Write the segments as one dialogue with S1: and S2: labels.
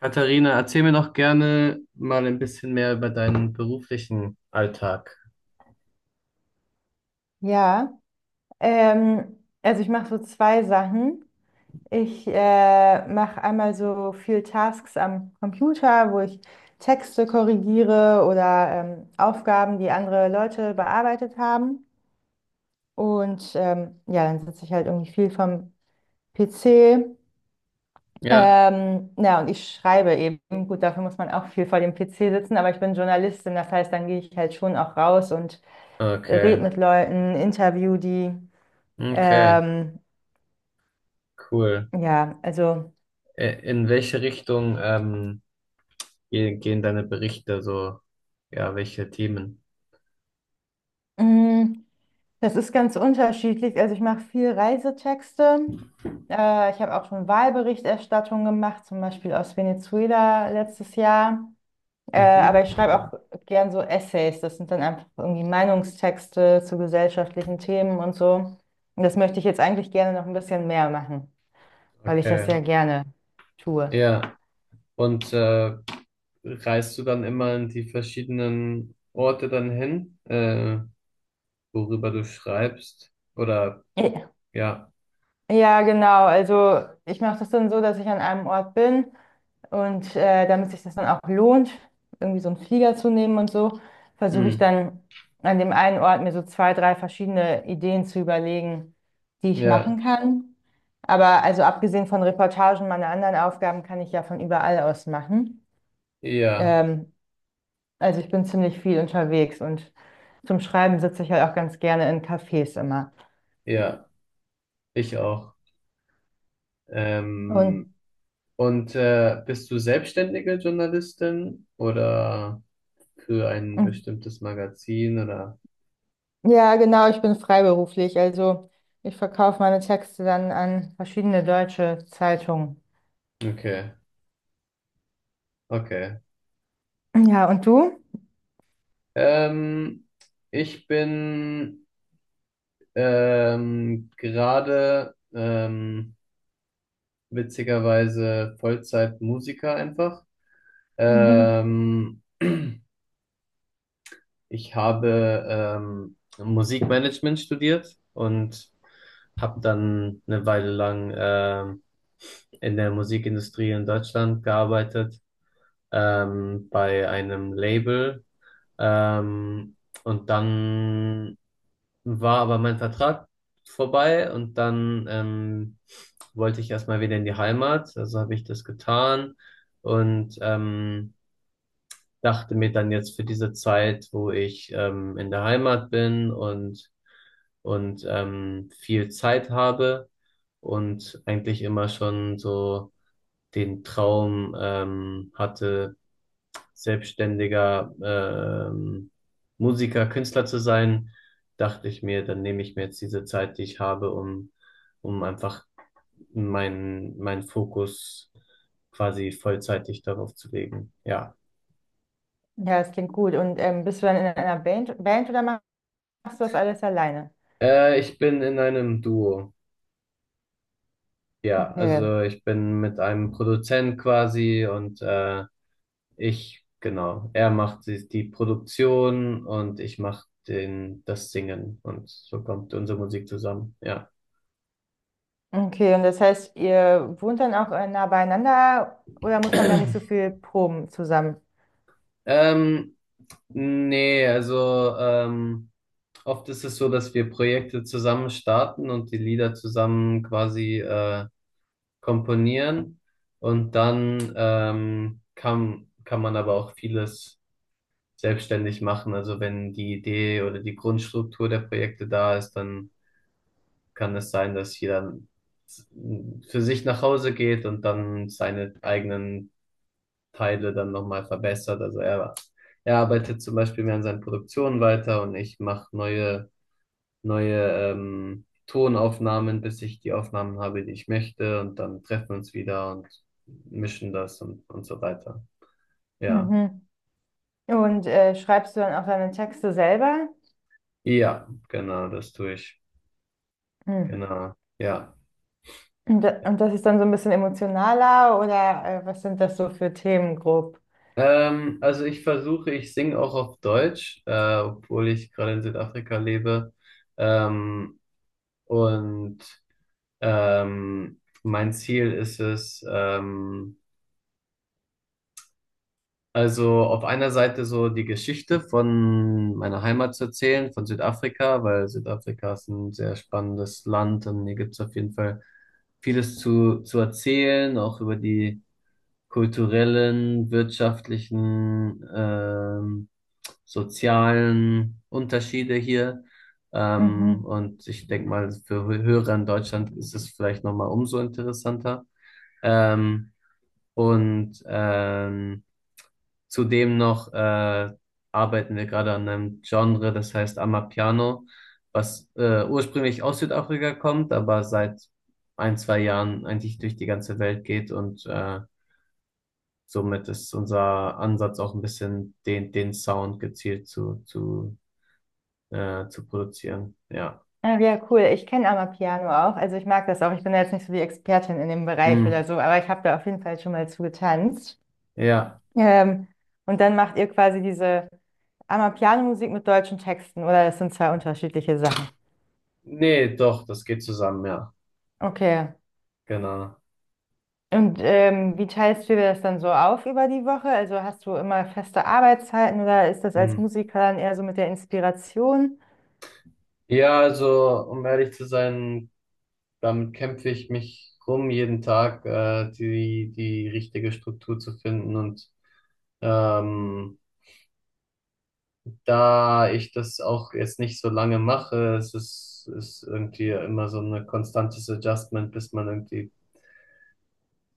S1: Katharina, erzähl mir doch gerne mal ein bisschen mehr über deinen beruflichen Alltag.
S2: Ja, also ich mache so zwei Sachen. Ich mache einmal so viel Tasks am Computer, wo ich Texte korrigiere oder Aufgaben, die andere Leute bearbeitet haben. Und ja, dann sitze ich halt irgendwie viel vom PC.
S1: Ja,
S2: Na, und ich schreibe eben. Gut, dafür muss man auch viel vor dem PC sitzen, aber ich bin Journalistin, das heißt, dann gehe ich halt schon auch raus und rede
S1: okay,
S2: mit Leuten, interview die.
S1: okay,
S2: Ähm,
S1: cool.
S2: Ja, also
S1: In welche Richtung gehen deine Berichte so? Ja, welche Themen?
S2: mm, das ist ganz unterschiedlich. Also ich mache viel Reisetexte. Ich habe auch schon Wahlberichterstattung gemacht, zum Beispiel aus Venezuela letztes Jahr.
S1: Mhm.
S2: Aber ich schreibe auch gern so Essays. Das sind dann einfach irgendwie Meinungstexte zu gesellschaftlichen Themen und so. Und das möchte ich jetzt eigentlich gerne noch ein bisschen mehr machen, weil ich
S1: Okay,
S2: das ja gerne tue.
S1: ja. Und reist du dann immer in die verschiedenen Orte dann hin, worüber du schreibst? Oder ja,
S2: Ja, genau. Also ich mache das dann so, dass ich an einem Ort bin und damit sich das dann auch lohnt, irgendwie so einen Flieger zu nehmen und so, versuche ich
S1: hm.
S2: dann an dem einen Ort mir so zwei, drei verschiedene Ideen zu überlegen, die ich
S1: Ja,
S2: machen kann. Aber also abgesehen von Reportagen, meine anderen Aufgaben kann ich ja von überall aus machen.
S1: ja,
S2: Ähm, also ich bin ziemlich viel unterwegs und zum Schreiben sitze ich halt auch ganz gerne in Cafés immer.
S1: ja, ich auch. Ähm,
S2: Und
S1: und bist du selbstständige Journalistin oder für ein bestimmtes Magazin oder?
S2: ja, genau, ich bin freiberuflich. Also ich verkaufe meine Texte dann an verschiedene deutsche Zeitungen.
S1: Okay, okay.
S2: Ja, und du?
S1: Ähm, Ich bin gerade witzigerweise Vollzeit-Musiker einfach.
S2: Mhm.
S1: Ähm, Ich habe Musikmanagement studiert und habe dann eine Weile lang in der Musikindustrie in Deutschland gearbeitet, bei einem Label. Ähm, und dann war aber mein Vertrag vorbei und dann wollte ich erstmal wieder in die Heimat. Also habe ich das getan und dachte mir dann jetzt für diese Zeit, wo ich in der Heimat bin und viel Zeit habe und eigentlich immer schon so den Traum hatte, selbstständiger Musiker, Künstler zu sein, dachte ich mir, dann nehme ich mir jetzt diese Zeit, die ich habe, um, um einfach meinen Fokus quasi vollzeitig darauf zu legen. Ja.
S2: Ja, das klingt gut. Und bist du dann in einer Band, Band oder machst du das alles alleine?
S1: Ich bin in einem Duo. Ja,
S2: Okay.
S1: also ich bin mit einem Produzent quasi und ich, genau, er macht die Produktion und ich mache den, das Singen und so kommt unsere Musik zusammen, ja.
S2: Okay, und das heißt, ihr wohnt dann auch nah beieinander oder muss man da nicht so viel proben zusammen?
S1: Ähm, Nee, also oft ist es so, dass wir Projekte zusammen starten und die Lieder zusammen quasi komponieren und dann kann man aber auch vieles selbstständig machen. Also wenn die Idee oder die Grundstruktur der Projekte da ist, dann kann es sein, dass jeder s- für sich nach Hause geht und dann seine eigenen Teile dann nochmal verbessert. Also er arbeitet zum Beispiel mehr an seinen Produktionen weiter und ich mache neue Tonaufnahmen, bis ich die Aufnahmen habe, die ich möchte. Und dann treffen wir uns wieder und mischen das und so weiter. Ja.
S2: Mhm. Und schreibst du dann auch deine Texte selber?
S1: Ja, genau, das tue ich.
S2: Mhm.
S1: Genau. Ja.
S2: Und, da, und das ist dann so ein bisschen emotionaler oder was sind das so für Themen grob?
S1: Also ich versuche, ich singe auch auf Deutsch, obwohl ich gerade in Südafrika lebe. Ähm, und mein Ziel ist es, also auf einer Seite so die Geschichte von meiner Heimat zu erzählen, von Südafrika, weil Südafrika ist ein sehr spannendes Land und hier gibt es auf jeden Fall vieles zu erzählen, auch über die kulturellen, wirtschaftlichen, sozialen Unterschiede hier.
S2: Mhm.
S1: Und ich denke mal, für Hörer in Deutschland ist es vielleicht nochmal umso interessanter. Ähm, und zudem noch arbeiten wir gerade an einem Genre, das heißt Amapiano, was ursprünglich aus Südafrika kommt, aber seit ein, zwei Jahren eigentlich durch die ganze Welt geht und somit ist unser Ansatz auch ein bisschen den Sound gezielt zu produzieren. Ja.
S2: Ah, ja, cool. Ich kenne Amapiano auch. Also ich mag das auch. Ich bin da jetzt nicht so die Expertin in dem Bereich
S1: Hm.
S2: oder so, aber ich habe da auf jeden Fall schon mal zugetanzt.
S1: Ja.
S2: Ähm, und dann macht ihr quasi diese Amapiano-Musik mit deutschen Texten oder das sind zwei unterschiedliche Sachen.
S1: Nee, doch, das geht zusammen, ja.
S2: Okay.
S1: Genau.
S2: Und wie teilst du dir das dann so auf über die Woche? Also hast du immer feste Arbeitszeiten oder ist das als
S1: Hm.
S2: Musiker dann eher so mit der Inspiration?
S1: Ja, also, um ehrlich zu sein, damit kämpfe ich mich rum jeden Tag, die richtige Struktur zu finden. Und ähm, da ich das auch jetzt nicht so lange mache, es ist irgendwie immer so ein konstantes Adjustment, bis man irgendwie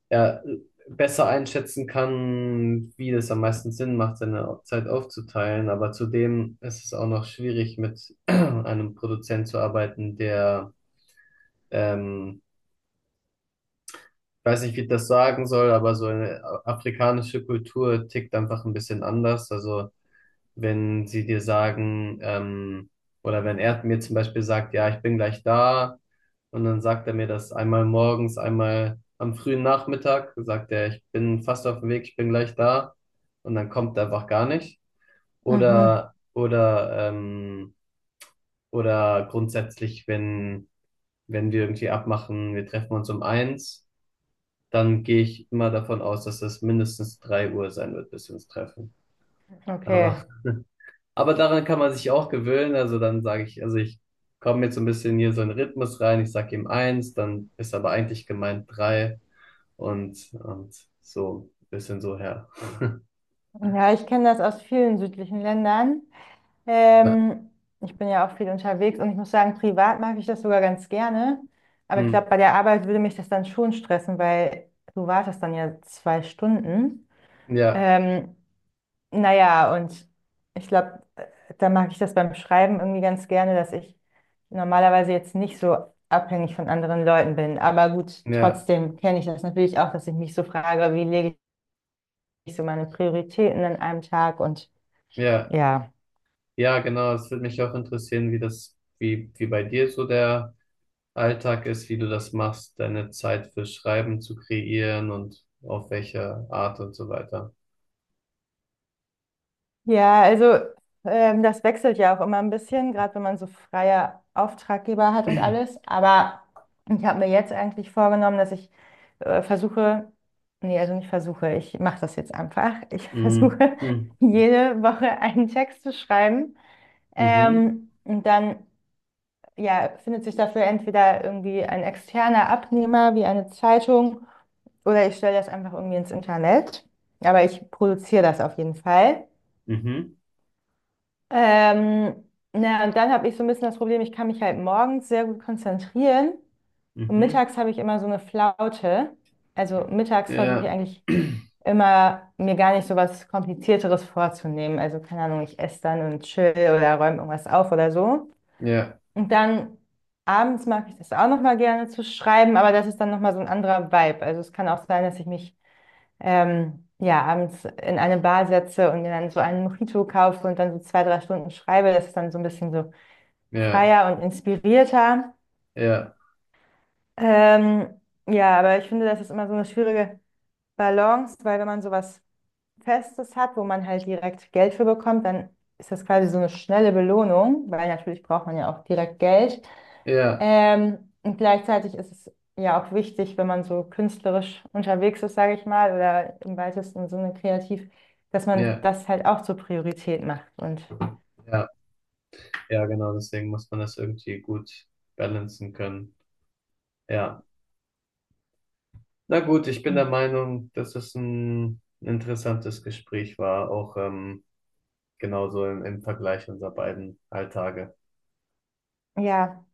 S1: er besser einschätzen kann, wie das am meisten Sinn macht, seine Zeit aufzuteilen. Aber zudem ist es auch noch schwierig, mit einem Produzent zu arbeiten, ähm, weiß nicht, wie ich das sagen soll, aber so eine afrikanische Kultur tickt einfach ein bisschen anders. Also wenn sie dir sagen, oder wenn er mir zum Beispiel sagt, ja, ich bin gleich da, und dann sagt er mir das einmal morgens, einmal am frühen Nachmittag, sagt er, ich bin fast auf dem Weg, ich bin gleich da, und dann kommt er einfach gar nicht.
S2: Mhm.
S1: Oder, oder, ähm, oder grundsätzlich, wenn wir irgendwie abmachen, wir treffen uns um eins, dann gehe ich immer davon aus, dass es mindestens drei Uhr sein wird, bis wir uns treffen. Aber
S2: Okay.
S1: aber daran kann man sich auch gewöhnen. Also dann sage ich, also ich komme jetzt so ein bisschen hier so in den Rhythmus rein. Ich sage ihm eins, dann ist aber eigentlich gemeint drei und so ein bisschen so her.
S2: Ja, ich kenne das aus vielen südlichen Ländern.
S1: Ja,
S2: Ähm, Ich bin ja auch viel unterwegs und ich muss sagen, privat mag ich das sogar ganz gerne. Aber ich
S1: hm.
S2: glaube, bei der Arbeit würde mich das dann schon stressen, weil du wartest dann ja zwei Stunden.
S1: Ja,
S2: Ähm, naja, und ich glaube, da mag ich das beim Schreiben irgendwie ganz gerne, dass ich normalerweise jetzt nicht so abhängig von anderen Leuten bin. Aber gut,
S1: ja,
S2: trotzdem kenne ich das natürlich auch, dass ich mich so frage, wie lege ich so meine Prioritäten an einem Tag und
S1: ja,
S2: ja.
S1: ja, genau. Es würde mich auch interessieren, wie wie bei dir so der Alltag ist, wie du das machst, deine Zeit für Schreiben zu kreieren und auf welche Art und so weiter.
S2: Ja, also das wechselt ja auch immer ein bisschen, gerade wenn man so freie Auftraggeber hat und alles. Aber ich habe mir jetzt eigentlich vorgenommen, dass ich versuche, nee, also nicht versuche, ich mache das jetzt einfach. Ich
S1: Mhm.
S2: versuche
S1: Mhm.
S2: jede Woche einen Text zu schreiben.
S1: Mhm.
S2: Und dann ja, findet sich dafür entweder irgendwie ein externer Abnehmer wie eine Zeitung oder ich stelle das einfach irgendwie ins Internet. Aber ich produziere das auf jeden Fall.
S1: Mhm.
S2: Ähm, na, und dann habe ich so ein bisschen das Problem, ich kann mich halt morgens sehr gut konzentrieren und
S1: Mhm.
S2: mittags habe ich immer so eine Flaute. Also mittags versuche ich
S1: Ja,
S2: eigentlich immer, mir gar nicht so was Komplizierteres vorzunehmen. Also keine Ahnung, ich esse dann und chill oder räume irgendwas auf oder so.
S1: ja,
S2: Und dann abends mag ich das auch nochmal gerne zu schreiben, aber das ist dann nochmal so ein anderer Vibe. Also es kann auch sein, dass ich mich ja, abends in eine Bar setze und mir dann so einen Mojito kaufe und dann so zwei, drei Stunden schreibe. Das ist dann so ein bisschen so
S1: ja,
S2: freier und inspirierter.
S1: ja,
S2: Ähm, ja, aber ich finde, das ist immer so eine schwierige Balance, weil wenn man sowas Festes hat, wo man halt direkt Geld für bekommt, dann ist das quasi so eine schnelle Belohnung, weil natürlich braucht man ja auch direkt Geld.
S1: ja,
S2: Und gleichzeitig ist es ja auch wichtig, wenn man so künstlerisch unterwegs ist, sage ich mal, oder im weitesten Sinne kreativ, dass man
S1: ja,
S2: das halt auch zur Priorität macht. Und
S1: ja, ja, genau, deswegen muss man das irgendwie gut balancen können. Ja, na gut, ich bin der
S2: ja.
S1: Meinung, dass es ein interessantes Gespräch war, auch genauso im Vergleich unserer beiden Alltage.
S2: Ja.